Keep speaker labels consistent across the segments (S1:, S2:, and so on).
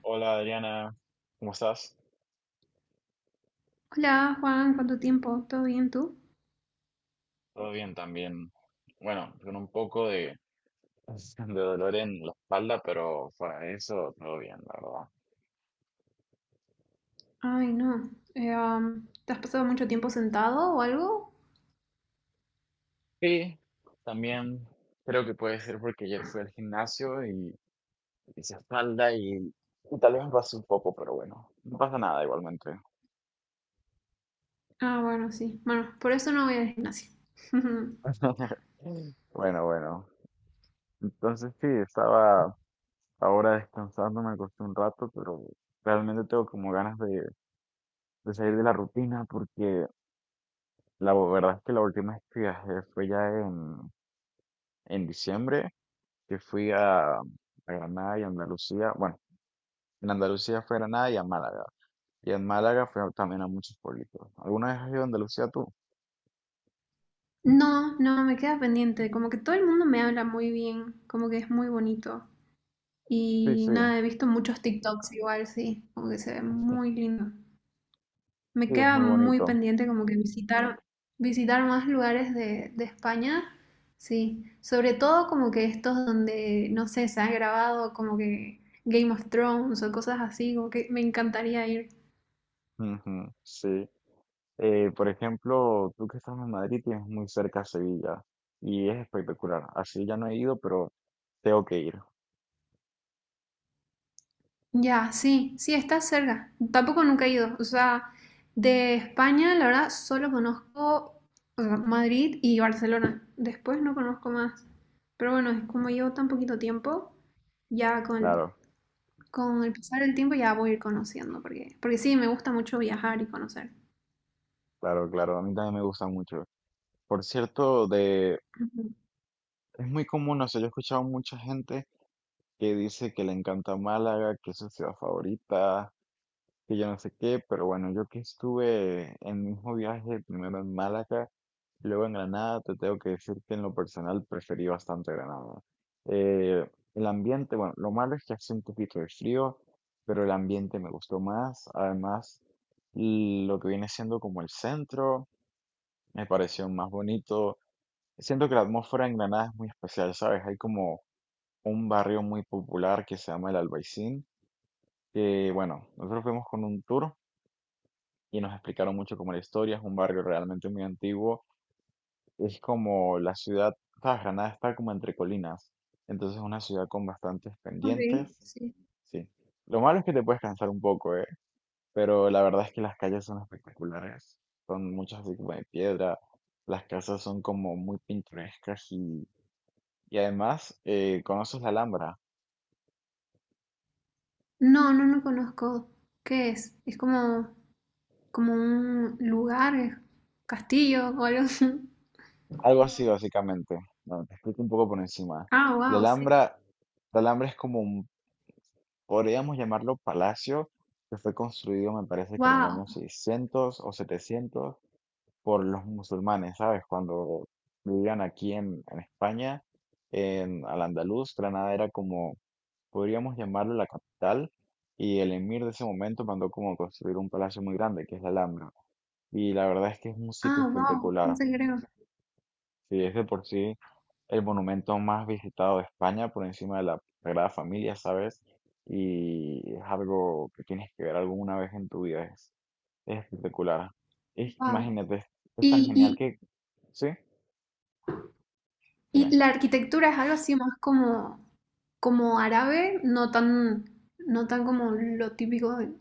S1: Hola Adriana, ¿cómo estás?
S2: Hola Juan, ¿cuánto tiempo? ¿Todo bien tú?
S1: Todo bien también. Bueno, con un poco de dolor en la espalda, pero fuera eso, todo bien, la verdad.
S2: Ay, no. ¿Te has pasado mucho tiempo sentado o algo?
S1: Y también creo que puede ser porque ayer fui al gimnasio y hice espalda y tal vez me pasó un poco, pero bueno, no pasa nada igualmente.
S2: Ah, bueno, sí. Bueno, por eso no voy al gimnasio.
S1: Bueno. Entonces sí, estaba ahora descansando, me acosté un rato, pero realmente tengo como ganas de salir de la rutina porque la verdad es que la última vez que viajé fue ya en diciembre, que fui a Granada y Andalucía. Bueno, en Andalucía fue a Granada y a Málaga. Y en Málaga también a muchos pueblitos. ¿Alguna vez has ido a Andalucía tú?
S2: No, no, me queda pendiente. Como que todo el mundo me habla muy bien, como que es muy bonito.
S1: Sí,
S2: Y
S1: sí,
S2: nada, he visto muchos TikToks igual, sí, como que se ve muy lindo. Me
S1: sí, es
S2: queda
S1: muy
S2: muy
S1: bonito.
S2: pendiente como que visitar, visitar más lugares de España, sí. Sobre todo como que estos donde, no sé, se ha grabado como que Game of Thrones o cosas así, como que me encantaría ir.
S1: Ujú. Sí. Por ejemplo, tú que estás en Madrid tienes muy cerca Sevilla y es espectacular. Así ya no he ido, pero tengo que ir.
S2: Ya, sí, sí, está cerca. Tampoco nunca he ido. O sea, de España, la verdad, solo conozco, o sea, Madrid y Barcelona. Después no conozco más. Pero bueno, es como llevo tan poquito tiempo, ya con.
S1: Claro,
S2: Con el pasar del tiempo ya voy a ir conociendo, porque, porque sí, me gusta mucho viajar y conocer.
S1: claro. A mí también me gusta mucho. Por cierto,
S2: Ujú.
S1: es muy común, o sea, yo he escuchado mucha gente que dice que le encanta Málaga, que es su ciudad favorita, que yo no sé qué, pero bueno, yo que estuve en mi mismo viaje, primero en Málaga, luego en Granada, te tengo que decir que en lo personal preferí bastante Granada. Eh, el ambiente, bueno, lo malo es que hace un poquito de frío, pero el ambiente me gustó más, además lo que viene siendo como el centro, me pareció más bonito. Siento que la atmósfera en Granada es muy especial, ¿sabes? Hay como un barrio muy popular que se llama el Albaicín, que bueno, nosotros fuimos con un tour y nos explicaron mucho como la historia, es un barrio realmente muy antiguo, es como la ciudad, ¿sabes? Granada está como entre colinas, entonces es una ciudad con bastantes
S2: Ok,
S1: pendientes,
S2: sí.
S1: sí. Lo malo es que te puedes cansar un poco, ¿eh? Pero la verdad es que las calles son espectaculares, son muchas así como de piedra, las casas son como muy pintorescas y además conoces la Alhambra.
S2: No, no, no conozco. ¿Qué es? Es como, como un lugar, es castillo o algo así.
S1: Algo así, básicamente. Bueno, te explico un poco por encima.
S2: Ah,
S1: La
S2: wow, sí.
S1: Alhambra, la Alhambra es como un, podríamos llamarlo palacio, que fue construido, me parece que en el año
S2: Wow.
S1: 600 o 700 por los musulmanes, ¿sabes? Cuando vivían aquí en España, en Al-Andalus, Granada era como, podríamos llamarlo la capital, y el emir de ese momento mandó como construir un palacio muy grande, que es la Alhambra. Y la verdad es que es un sitio
S2: Ah, wow. No
S1: espectacular.
S2: sé qué creo.
S1: Sí, es de por sí el monumento más visitado de España por encima de la Sagrada Familia, ¿sabes? Y es algo que tienes que ver alguna vez en tu vida, es espectacular.
S2: Wow.
S1: Imagínate, es tan genial
S2: Y,
S1: que... Sí, dime.
S2: y la arquitectura es algo así más como, como árabe, no tan, no tan como lo típico de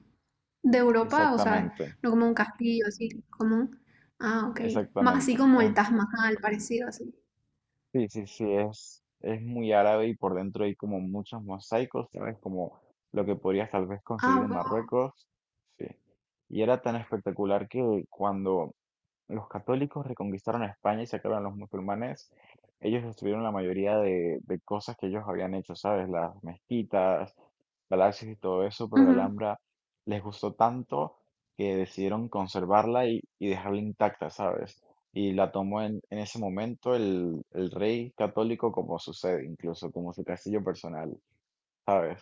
S2: De Europa, o sea,
S1: Exactamente,
S2: no como un castillo, así como... un- Ah, ok. Más así
S1: exactamente.
S2: como el Taj Mahal, parecido así.
S1: Sí, sí, sí, es muy árabe y por dentro hay como muchos mosaicos, ¿sabes? Como lo que podrías tal vez conseguir
S2: Ah,
S1: en
S2: wow.
S1: Marruecos. Sí. Y era tan espectacular que cuando los católicos reconquistaron a España y sacaron a los musulmanes, ellos destruyeron la mayoría de cosas que ellos habían hecho, ¿sabes? Las mezquitas, palacios y todo eso, pero la
S2: Ujú.
S1: Alhambra les gustó tanto que decidieron conservarla y dejarla intacta, ¿sabes? Y la tomó en ese momento el rey católico como su sede, incluso como su castillo personal, ¿sabes?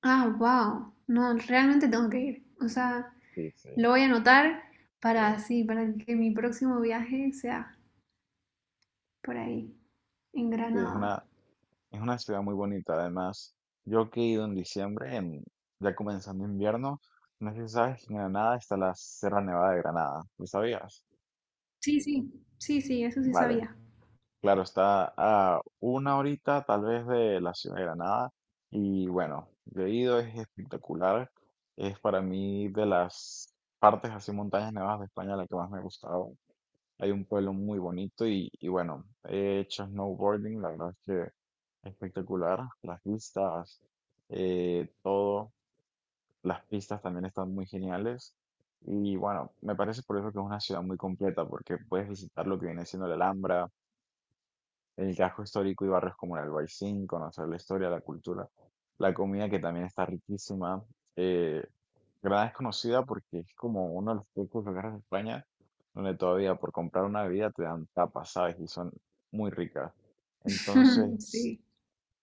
S2: Ah, wow. No, realmente tengo que ir. O sea,
S1: Sí, sí.
S2: lo voy a anotar para así, para que mi próximo viaje sea por ahí, en
S1: Sí, es
S2: Granada.
S1: una, es una ciudad muy bonita, además. Yo que he ido en diciembre, ya comenzando invierno, no sé si sabes que en Granada está la Sierra Nevada de Granada. ¿Lo sabías?
S2: Sí, sí, sí, sí, eso sí
S1: Vale,
S2: sabía.
S1: claro, está a una horita tal vez de la ciudad de Granada. Y bueno, yo he ido, es espectacular. Es para mí de las partes así montañas nevadas de España la que más me ha gustado. Hay un pueblo muy bonito y bueno, he hecho snowboarding, la verdad es que espectacular. Las vistas, todo, las pistas también están muy geniales. Y bueno, me parece por eso que es una ciudad muy completa, porque puedes visitar lo que viene siendo la Alhambra, el casco histórico y barrios como el Albaicín, conocer la historia, la cultura, la comida que también está riquísima. Eh, Granada es conocida porque es como uno de los pocos lugares de España donde todavía por comprar una bebida te dan tapas, ¿sabes? Y son muy ricas. Entonces,
S2: Sí.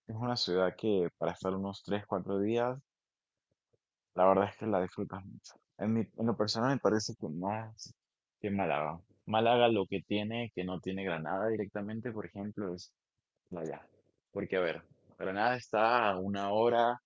S1: es una ciudad que para estar unos 3 4 días, la verdad es que la disfrutas mucho. En lo personal me parece que más que Málaga. Málaga lo que tiene, que no tiene Granada directamente, por ejemplo, es vaya, porque a ver, Granada está a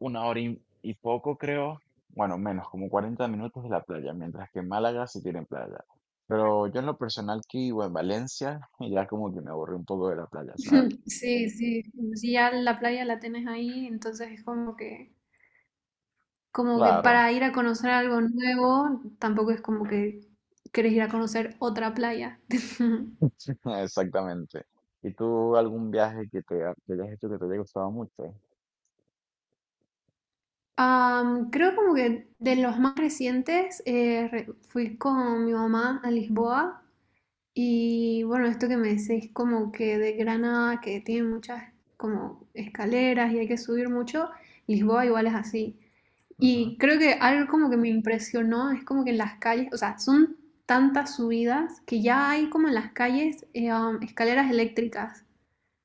S1: una hora y poco creo, bueno, menos, como 40 minutos de la playa, mientras que en Málaga sí tiene playa. Pero yo en lo personal que vivo en Valencia, ya como que me aburrí un poco de la playa, ¿sabes?
S2: Sí, sí, sí, ya la playa la tenés ahí, entonces es como que. Como que
S1: Claro,
S2: para ir a conocer algo nuevo, tampoco es como que querés ir a conocer otra playa.
S1: exactamente. ¿Y tú algún viaje que hayas hecho que te haya gustado mucho?
S2: Creo como que de los más recientes fui con mi mamá a Lisboa y bueno, esto que me decís como que de Granada, que tiene muchas como escaleras y hay que subir mucho, Lisboa igual es así.
S1: Ajá.
S2: Y creo que algo como que me impresionó es como que en las calles, o sea, son tantas subidas que ya hay como en las calles escaleras eléctricas.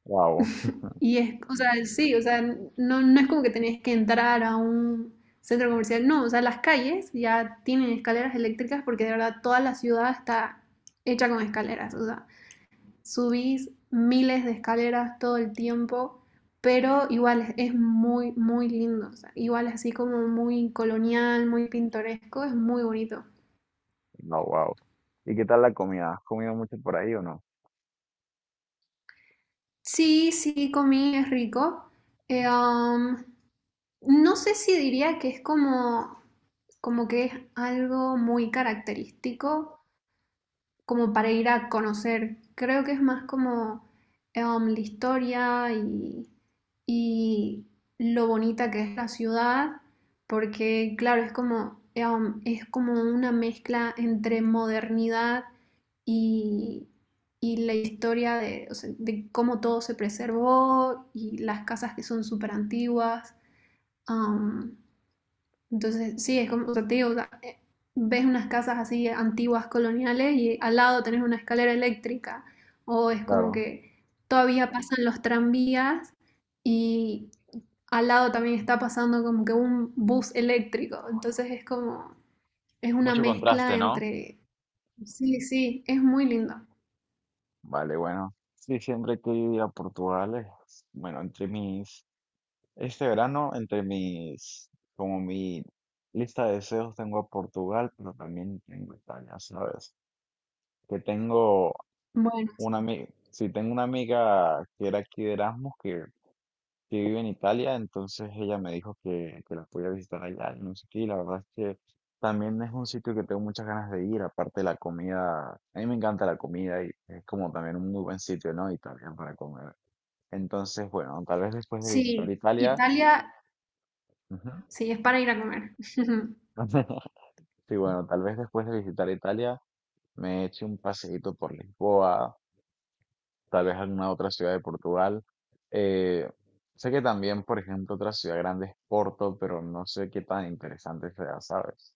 S1: Wow,
S2: Y es, o sea, sí, o sea, no, no es como que tenés que entrar a un centro comercial, no, o sea, las calles ya tienen escaleras eléctricas porque de verdad toda la ciudad está hecha con escaleras, o sea, subís miles de escaleras todo el tiempo, pero igual es, muy, muy lindo. O sea, igual así como muy colonial, muy pintoresco, es muy bonito.
S1: no, wow. ¿Y qué tal la comida? ¿Has comido mucho por ahí o no?
S2: Sí, sí, comí, es rico. Eh, um, no sé si diría que es como, como que es algo muy característico, como para ir a conocer. Creo que es más como la historia y lo bonita que es la ciudad, porque claro, es como, es como una mezcla entre modernidad y, y la historia de, o sea, de cómo todo se preservó y las casas que son súper antiguas. Entonces, sí, es como o sea, te digo, o sea, ves unas casas así antiguas, coloniales, y al lado tenés una escalera eléctrica, o es como
S1: Claro.
S2: que todavía pasan los tranvías y al lado también está pasando como que un bus eléctrico, entonces es como, es una
S1: Mucho
S2: mezcla
S1: contraste, ¿no?
S2: entre, sí, sí, es muy lindo.
S1: Vale, bueno, sí, siempre que ir a Portugal, bueno, este verano, entre mis, como mi lista de deseos tengo a Portugal, pero también tengo Italia, ¿sabes? Que tengo
S2: Bueno,
S1: una amiga, sí, tengo una amiga que era aquí de Erasmus, que vive en Italia, entonces ella me dijo que la podía visitar allá, y no sé qué, y la verdad es que también es un sitio que tengo muchas ganas de ir, aparte de la comida, a mí me encanta la comida y es como también un muy buen sitio, ¿no? Italia para comer. Entonces, bueno, tal vez después de visitar
S2: sí,
S1: Italia,
S2: Italia,
S1: ujú.
S2: sí, es para ir a comer.
S1: Sí, bueno, tal vez después de visitar Italia me eche un paseíto por Lisboa, tal vez alguna otra ciudad de Portugal. Eh, sé que también, por ejemplo, otra ciudad grande es Porto, pero no sé qué tan interesante sea, ¿sabes?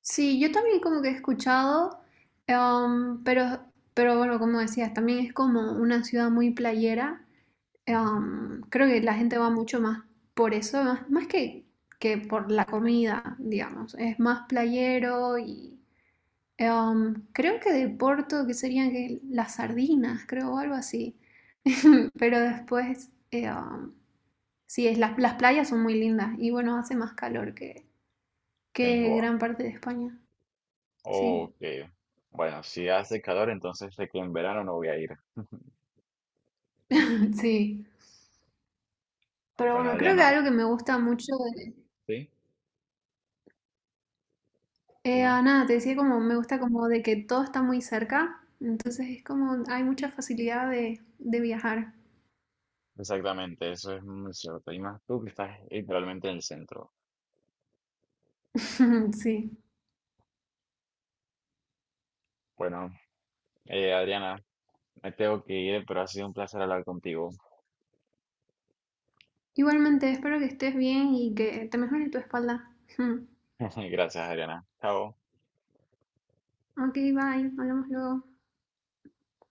S2: Sí, yo también como que he escuchado, em, pero, pero bueno, como decías, también es como una ciudad muy playera.
S1: Ujú.
S2: Creo que la gente va mucho más por eso, más, más que por la comida, digamos. Es más playero y creo que de Porto, que serían que las sardinas, creo, o algo así. Pero después, sí, es, las playas son muy lindas y bueno, hace más calor
S1: En
S2: que
S1: Lisboa.
S2: gran parte de España. Sí,
S1: Ok. Bueno, si hace calor, entonces sé que en verano no voy a ir.
S2: sí. Pero bueno,
S1: Bueno, ya
S2: creo que
S1: no.
S2: algo que me gusta mucho de...
S1: ¿Sí? Dime.
S2: Nada, te decía como me gusta como de que todo está muy cerca, entonces es como hay mucha facilidad de viajar.
S1: Exactamente, eso es muy cierto. Y más tú que estás literalmente en el centro.
S2: Sí.
S1: Bueno, Adriana, me tengo que ir, pero ha sido un placer hablar contigo.
S2: Igualmente, espero que estés bien y que te mejore tu espalda.
S1: Gracias, Adriana. Chao.
S2: Ok, bye, hablamos luego.